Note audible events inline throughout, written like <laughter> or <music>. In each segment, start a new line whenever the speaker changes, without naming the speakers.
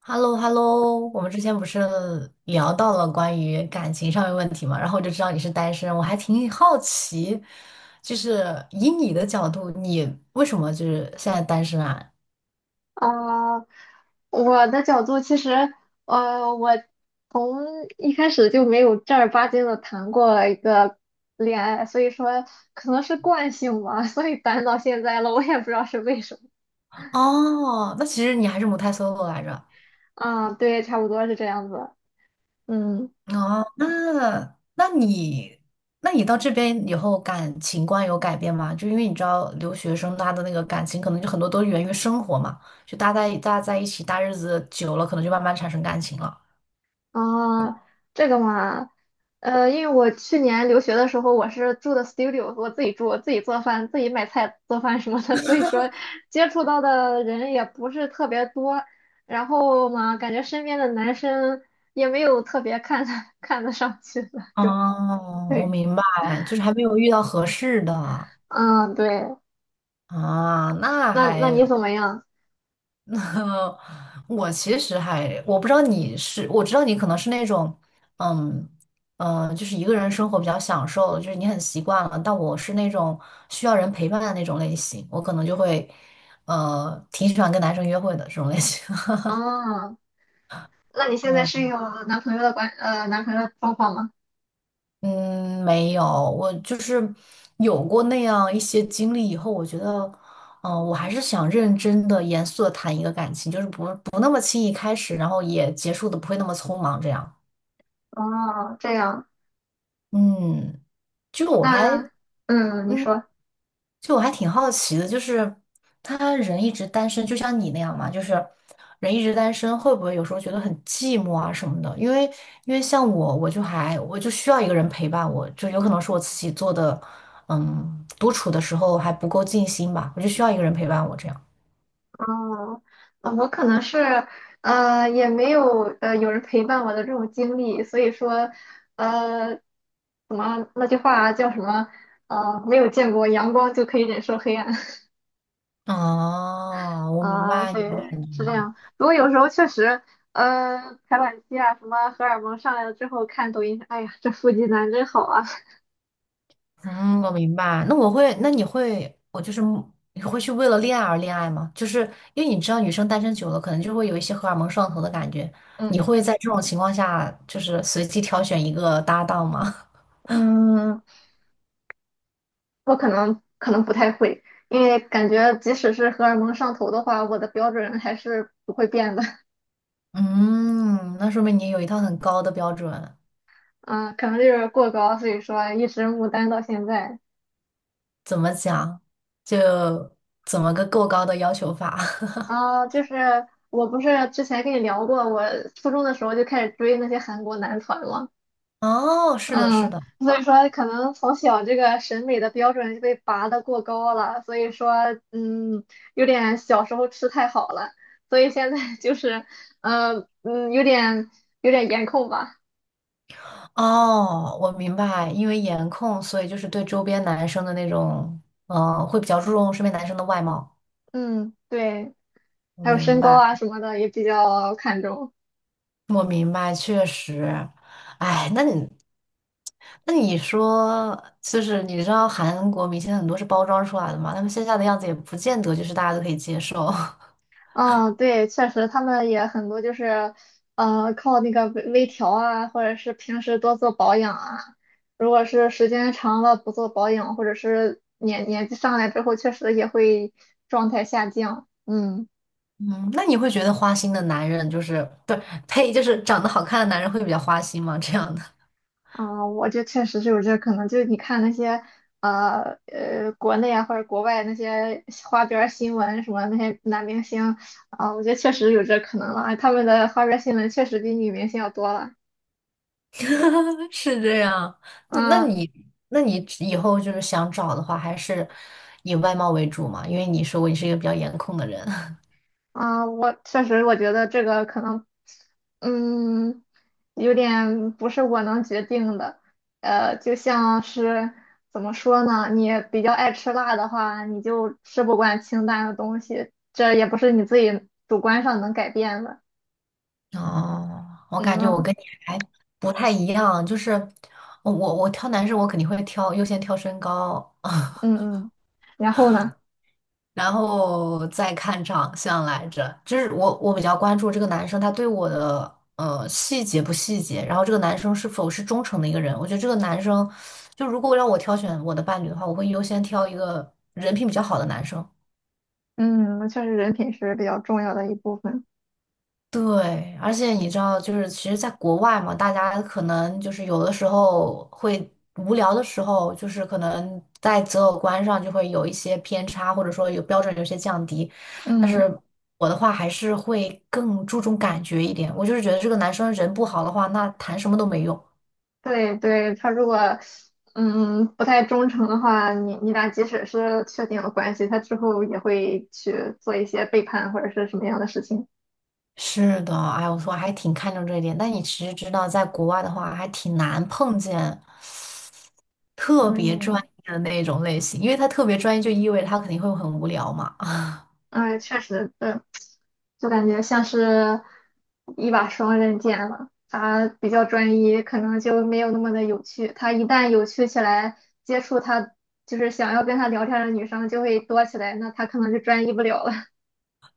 h e l l o h e l l o 我们之前不是聊到了关于感情上面问题嘛，然后我就知道你是单身，我还挺好奇，就是以你的角度，你为什么就是现在单身啊？
啊，我的角度其实，我从一开始就没有正儿八经的谈过一个恋爱，所以说可能是惯性吧，所以单到现在了，我也不知道是为什么。
哦，那其实你还是母胎 solo 来着。
啊，对，差不多是这样子。嗯，
哦，那你那你到这边以后感情观有改变吗？就因为你知道留学生他的那个感情可能就很多都源于生活嘛，就大家在一起大日子久了，可能就慢慢产生感情了。
啊，这个嘛，因为我去年留学的时候，我是住的 studio，我自己住，我自己做饭，自己买菜做饭什么的，<laughs> 所以说接触到的人也不是特别多。然后嘛，感觉身边的男生也没有特别看得 <laughs> 看得上去的，就 <laughs>
哦，我
对，
明白，就是还没有遇到合适的。
嗯，对。
啊，那
那你
还，
怎么样？
<laughs> 那我其实还，我不知道你是，我知道你可能是那种，嗯就是一个人生活比较享受，就是你很习惯了，但我是那种需要人陪伴的那种类型，我可能就会，挺喜欢跟男生约会的这种类型。
哦，那你现在
<laughs>
是
嗯。
有男朋友的状况吗？
嗯，没有，我就是有过那样一些经历以后，我觉得，我还是想认真的、严肃的谈一个感情，就是不那么轻易开始，然后也结束的不会那么匆忙，这样。
哦，这样，
嗯，就我还
那你
嗯
说。
就我还挺好奇的，就是他人一直单身，就像你那样嘛，就是人一直单身，会不会有时候觉得很寂寞啊什么的？因为像我，我就还我就需要一个人陪伴我，就有可能是我自己做的，嗯，独处的时候还不够尽心吧，我就需要一个人陪伴我这样。
哦，我可能是也没有有人陪伴我的这种经历，所以说呃怎么那句话叫什么没有见过阳光就可以忍受黑暗 <laughs>
哦，我明
啊、
白你
对，
的感。
是这样。不过有时候确实排卵期啊什么荷尔蒙上来了之后看抖音，哎呀这腹肌男真好啊。
嗯，我明白。那你会，我就是你会去为了恋爱而恋爱吗？就是因为你知道女生单身久了，可能就会有一些荷尔蒙上头的感觉。
<laughs>
你会
嗯
在这种情况下，就是随机挑选一个搭档吗？<laughs>
嗯，我可能不太会，因为感觉即使是荷尔蒙上头的话，我的标准还是不会变的。
嗯，那说明你有一套很高的标准。
啊，可能就是过高，所以说一直牡丹到现在。
怎么讲？就怎么个够高的要求法？<laughs>
啊，就是我不是之前跟你聊过，我初中的时候就开始追那些韩国男团嘛，
哦，是的，是
嗯，
的，
所以说可能从小这个审美的标准就被拔得过高了，所以说嗯，有点小时候吃太好了，所以现在 <laughs> 就是嗯嗯，有点有点颜控吧。
哦，我明白，因为颜控，所以就是对周边男生的那种，会比较注重身边男生的外貌。
嗯，对，
我
还有身
明
高
白，
啊什么的也比较看重。
我明白，确实，哎，那你，那你说，就是你知道韩国明星很多是包装出来的嘛，他们线下的样子也不见得就是大家都可以接受。<laughs>
嗯，对，确实，他们也很多就是，靠那个微微调啊，或者是平时多做保养啊。如果是时间长了不做保养，或者是年纪上来之后，确实也会状态下降。嗯，
嗯，那你会觉得花心的男人就是不是呸，就是长得好看的男人会比较花心吗？这样的
啊、我觉得确实是有这可能。就是你看那些，国内啊或者国外那些花边儿新闻什么那些男明星啊、我觉得确实有这可能了。他们的花边儿新闻确实比女明星要多了。
<laughs> 是这样，那
嗯
你那你以后就是想找的话，还是以外貌为主嘛，因为你说过你是一个比较颜控的人。
啊，我确实，我觉得这个可能，嗯，有点不是我能决定的。就像是怎么说呢？你比较爱吃辣的话，你就吃不惯清淡的东西，这也不是你自己主观上能改变的。
哦，我感觉
嗯
我
嗯
跟你还不太一样，就是我挑男生，我肯定会挑优先挑身高，
嗯。
<laughs>
然后呢？
然后再看长相来着。就是我比较关注这个男生他对我的细节不细节，然后这个男生是否是忠诚的一个人。我觉得这个男生就如果让我挑选我的伴侣的话，我会优先挑一个人品比较好的男生。
嗯，确实人品是比较重要的一部分。
对，而且你知道，就是其实，在国外嘛，大家可能就是有的时候会无聊的时候，就是可能在择偶观上就会有一些偏差，或者说有标准有些降低。但
嗯。
是我的话还是会更注重感觉一点，我就是觉得这个男生人不好的话，那谈什么都没用。
对对，他如果不太忠诚的话，你俩即使是确定了关系，他之后也会去做一些背叛或者是什么样的事情。
是的，哎，我说还挺看重这一点，但你其实知道，在国外的话还挺难碰见特别专
嗯，
业的那种类型，因为他特别专业就意味着他肯定会很无聊嘛。
哎，确实，对，就感觉像是一把双刃剑了。他比较专一，可能就没有那么的有趣。他一旦有趣起来，接触他就是想要跟他聊天的女生就会多起来，那他可能就专一不了了。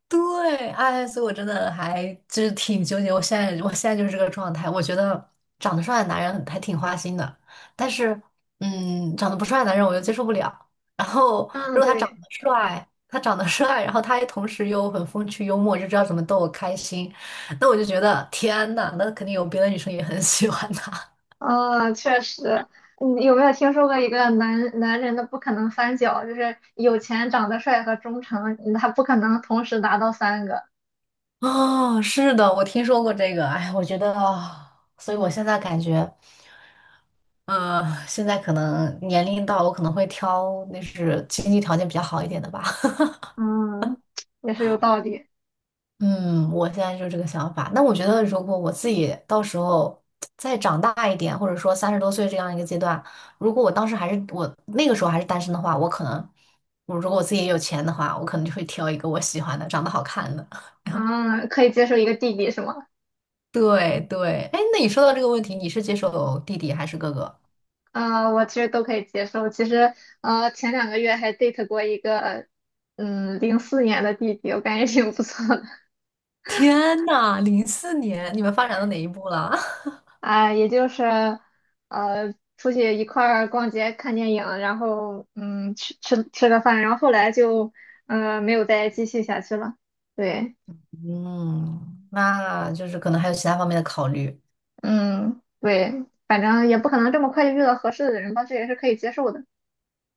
对，哎，所以我真的还就是挺纠结。我现在就是这个状态。我觉得长得帅的男人还挺花心的，但是，嗯，长得不帅的男人我又接受不了。然后，
<laughs> 嗯，
如果
对。
他长得帅，然后他也同时又很风趣幽默，就知道怎么逗我开心，那我就觉得天呐，那肯定有别的女生也很喜欢他。<laughs>
嗯，确实，你有没有听说过一个男人的不可能三角，就是有钱、长得帅和忠诚，他不可能同时达到三个。
哦，是的，我听说过这个。哎，我觉得，啊所以我现在感觉。现在可能年龄到了，我可能会挑那是经济条件比较好一点的吧。<laughs>
嗯，也是有道理。
嗯，我现在就是这个想法。那我觉得，如果我自己到时候再长大一点，或者说三十多岁这样一个阶段，如果我那个时候还是单身的话，我可能，如果我自己也有钱的话，我可能就会挑一个我喜欢的、长得好看的。
嗯，可以接受一个弟弟是吗？
<laughs> 对对，哎，那你说到这个问题，你是接受弟弟还是哥哥？
啊、我其实都可以接受。其实，前2个月还 date 过一个，04年的弟弟，我感觉挺不错的。
天呐，零四年，你们发展到哪一步了？<laughs>
啊，也就是出去一块儿逛街、看电影，然后吃个饭，然后后来就没有再继续下去了。对。
嗯，那就是可能还有其他方面的考虑，
嗯，对，反正也不可能这么快就遇到合适的人吧，这也是可以接受的。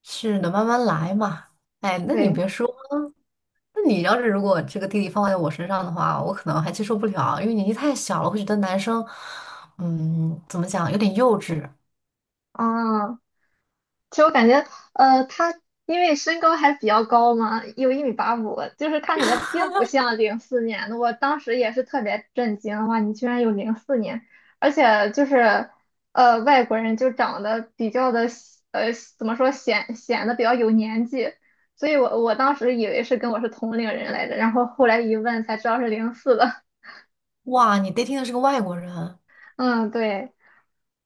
是的，慢慢来嘛。哎，那你
对，
别说，那你要是如果这个弟弟放在我身上的话，我可能还接受不了，因为年纪太小了，会觉得男生，嗯，怎么讲，有点幼稚。
哦。其实我感觉，他因为身高还比较高嘛，有1米85，就是看起来并不像零四年的。我当时也是特别震惊，哇，你居然有零四年，而且就是，外国人就长得比较的，呃，怎么说显得比较有年纪，所以我当时以为是跟我是同龄人来着，然后后来一问才知道是零四的。<laughs>
哇，你 dating 的是个外国人，
嗯，对，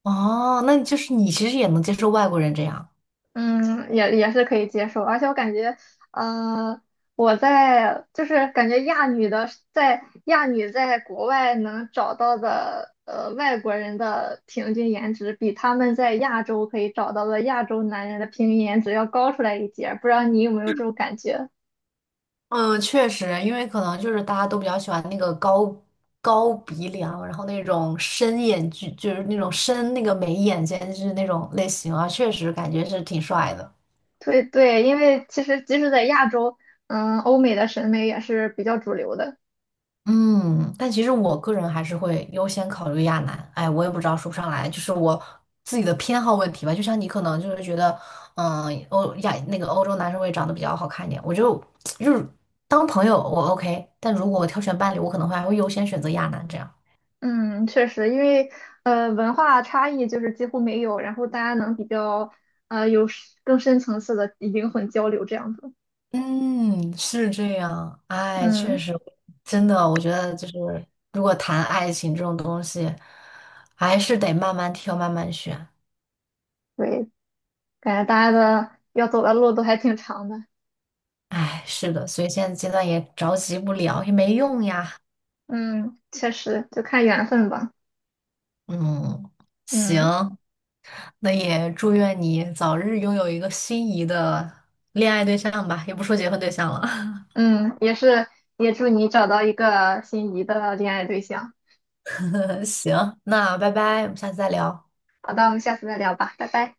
哦，那就是你其实也能接受外国人这样。
嗯，也是可以接受，而且我感觉。呃就是感觉亚女的在亚女在国外能找到的外国人的平均颜值，比他们在亚洲可以找到的亚洲男人的平均颜值要高出来一截儿，不知道你有没有这种感觉？
嗯，确实，因为可能就是大家都比较喜欢那个高高鼻梁，然后那种深眼距，就是那种深那个眉眼间距那种类型啊，确实感觉是挺帅的。
对对，因为其实即使在亚洲，嗯，欧美的审美也是比较主流的。
嗯，但其实我个人还是会优先考虑亚男。哎，我也不知道说不上来，就是我自己的偏好问题吧。就像你可能就是觉得，嗯，欧亚那个欧洲男生会长得比较好看一点，我就 <tsk> 就是当朋友我 OK，但如果我挑选伴侣，我可能会还会优先选择亚男这样。
嗯，确实，因为文化差异就是几乎没有，然后大家能比较有更深层次的灵魂交流这样子。
嗯，是这样。哎，确
嗯，
实，真的，我觉得就是，如果谈爱情这种东西，还是得慢慢挑，慢慢选。
对。感觉大家的要走的路都还挺长的。
哎，是的，所以现在阶段也着急不了，也没用呀。
嗯，确实，就看缘分吧。
嗯，行，
嗯
那也祝愿你早日拥有一个心仪的恋爱对象吧，也不说结婚对象了。
嗯，也是，也祝你找到一个心仪的恋爱对象。
<laughs> 行，那拜拜，我们下次再聊。
好的，我们下次再聊吧，拜拜。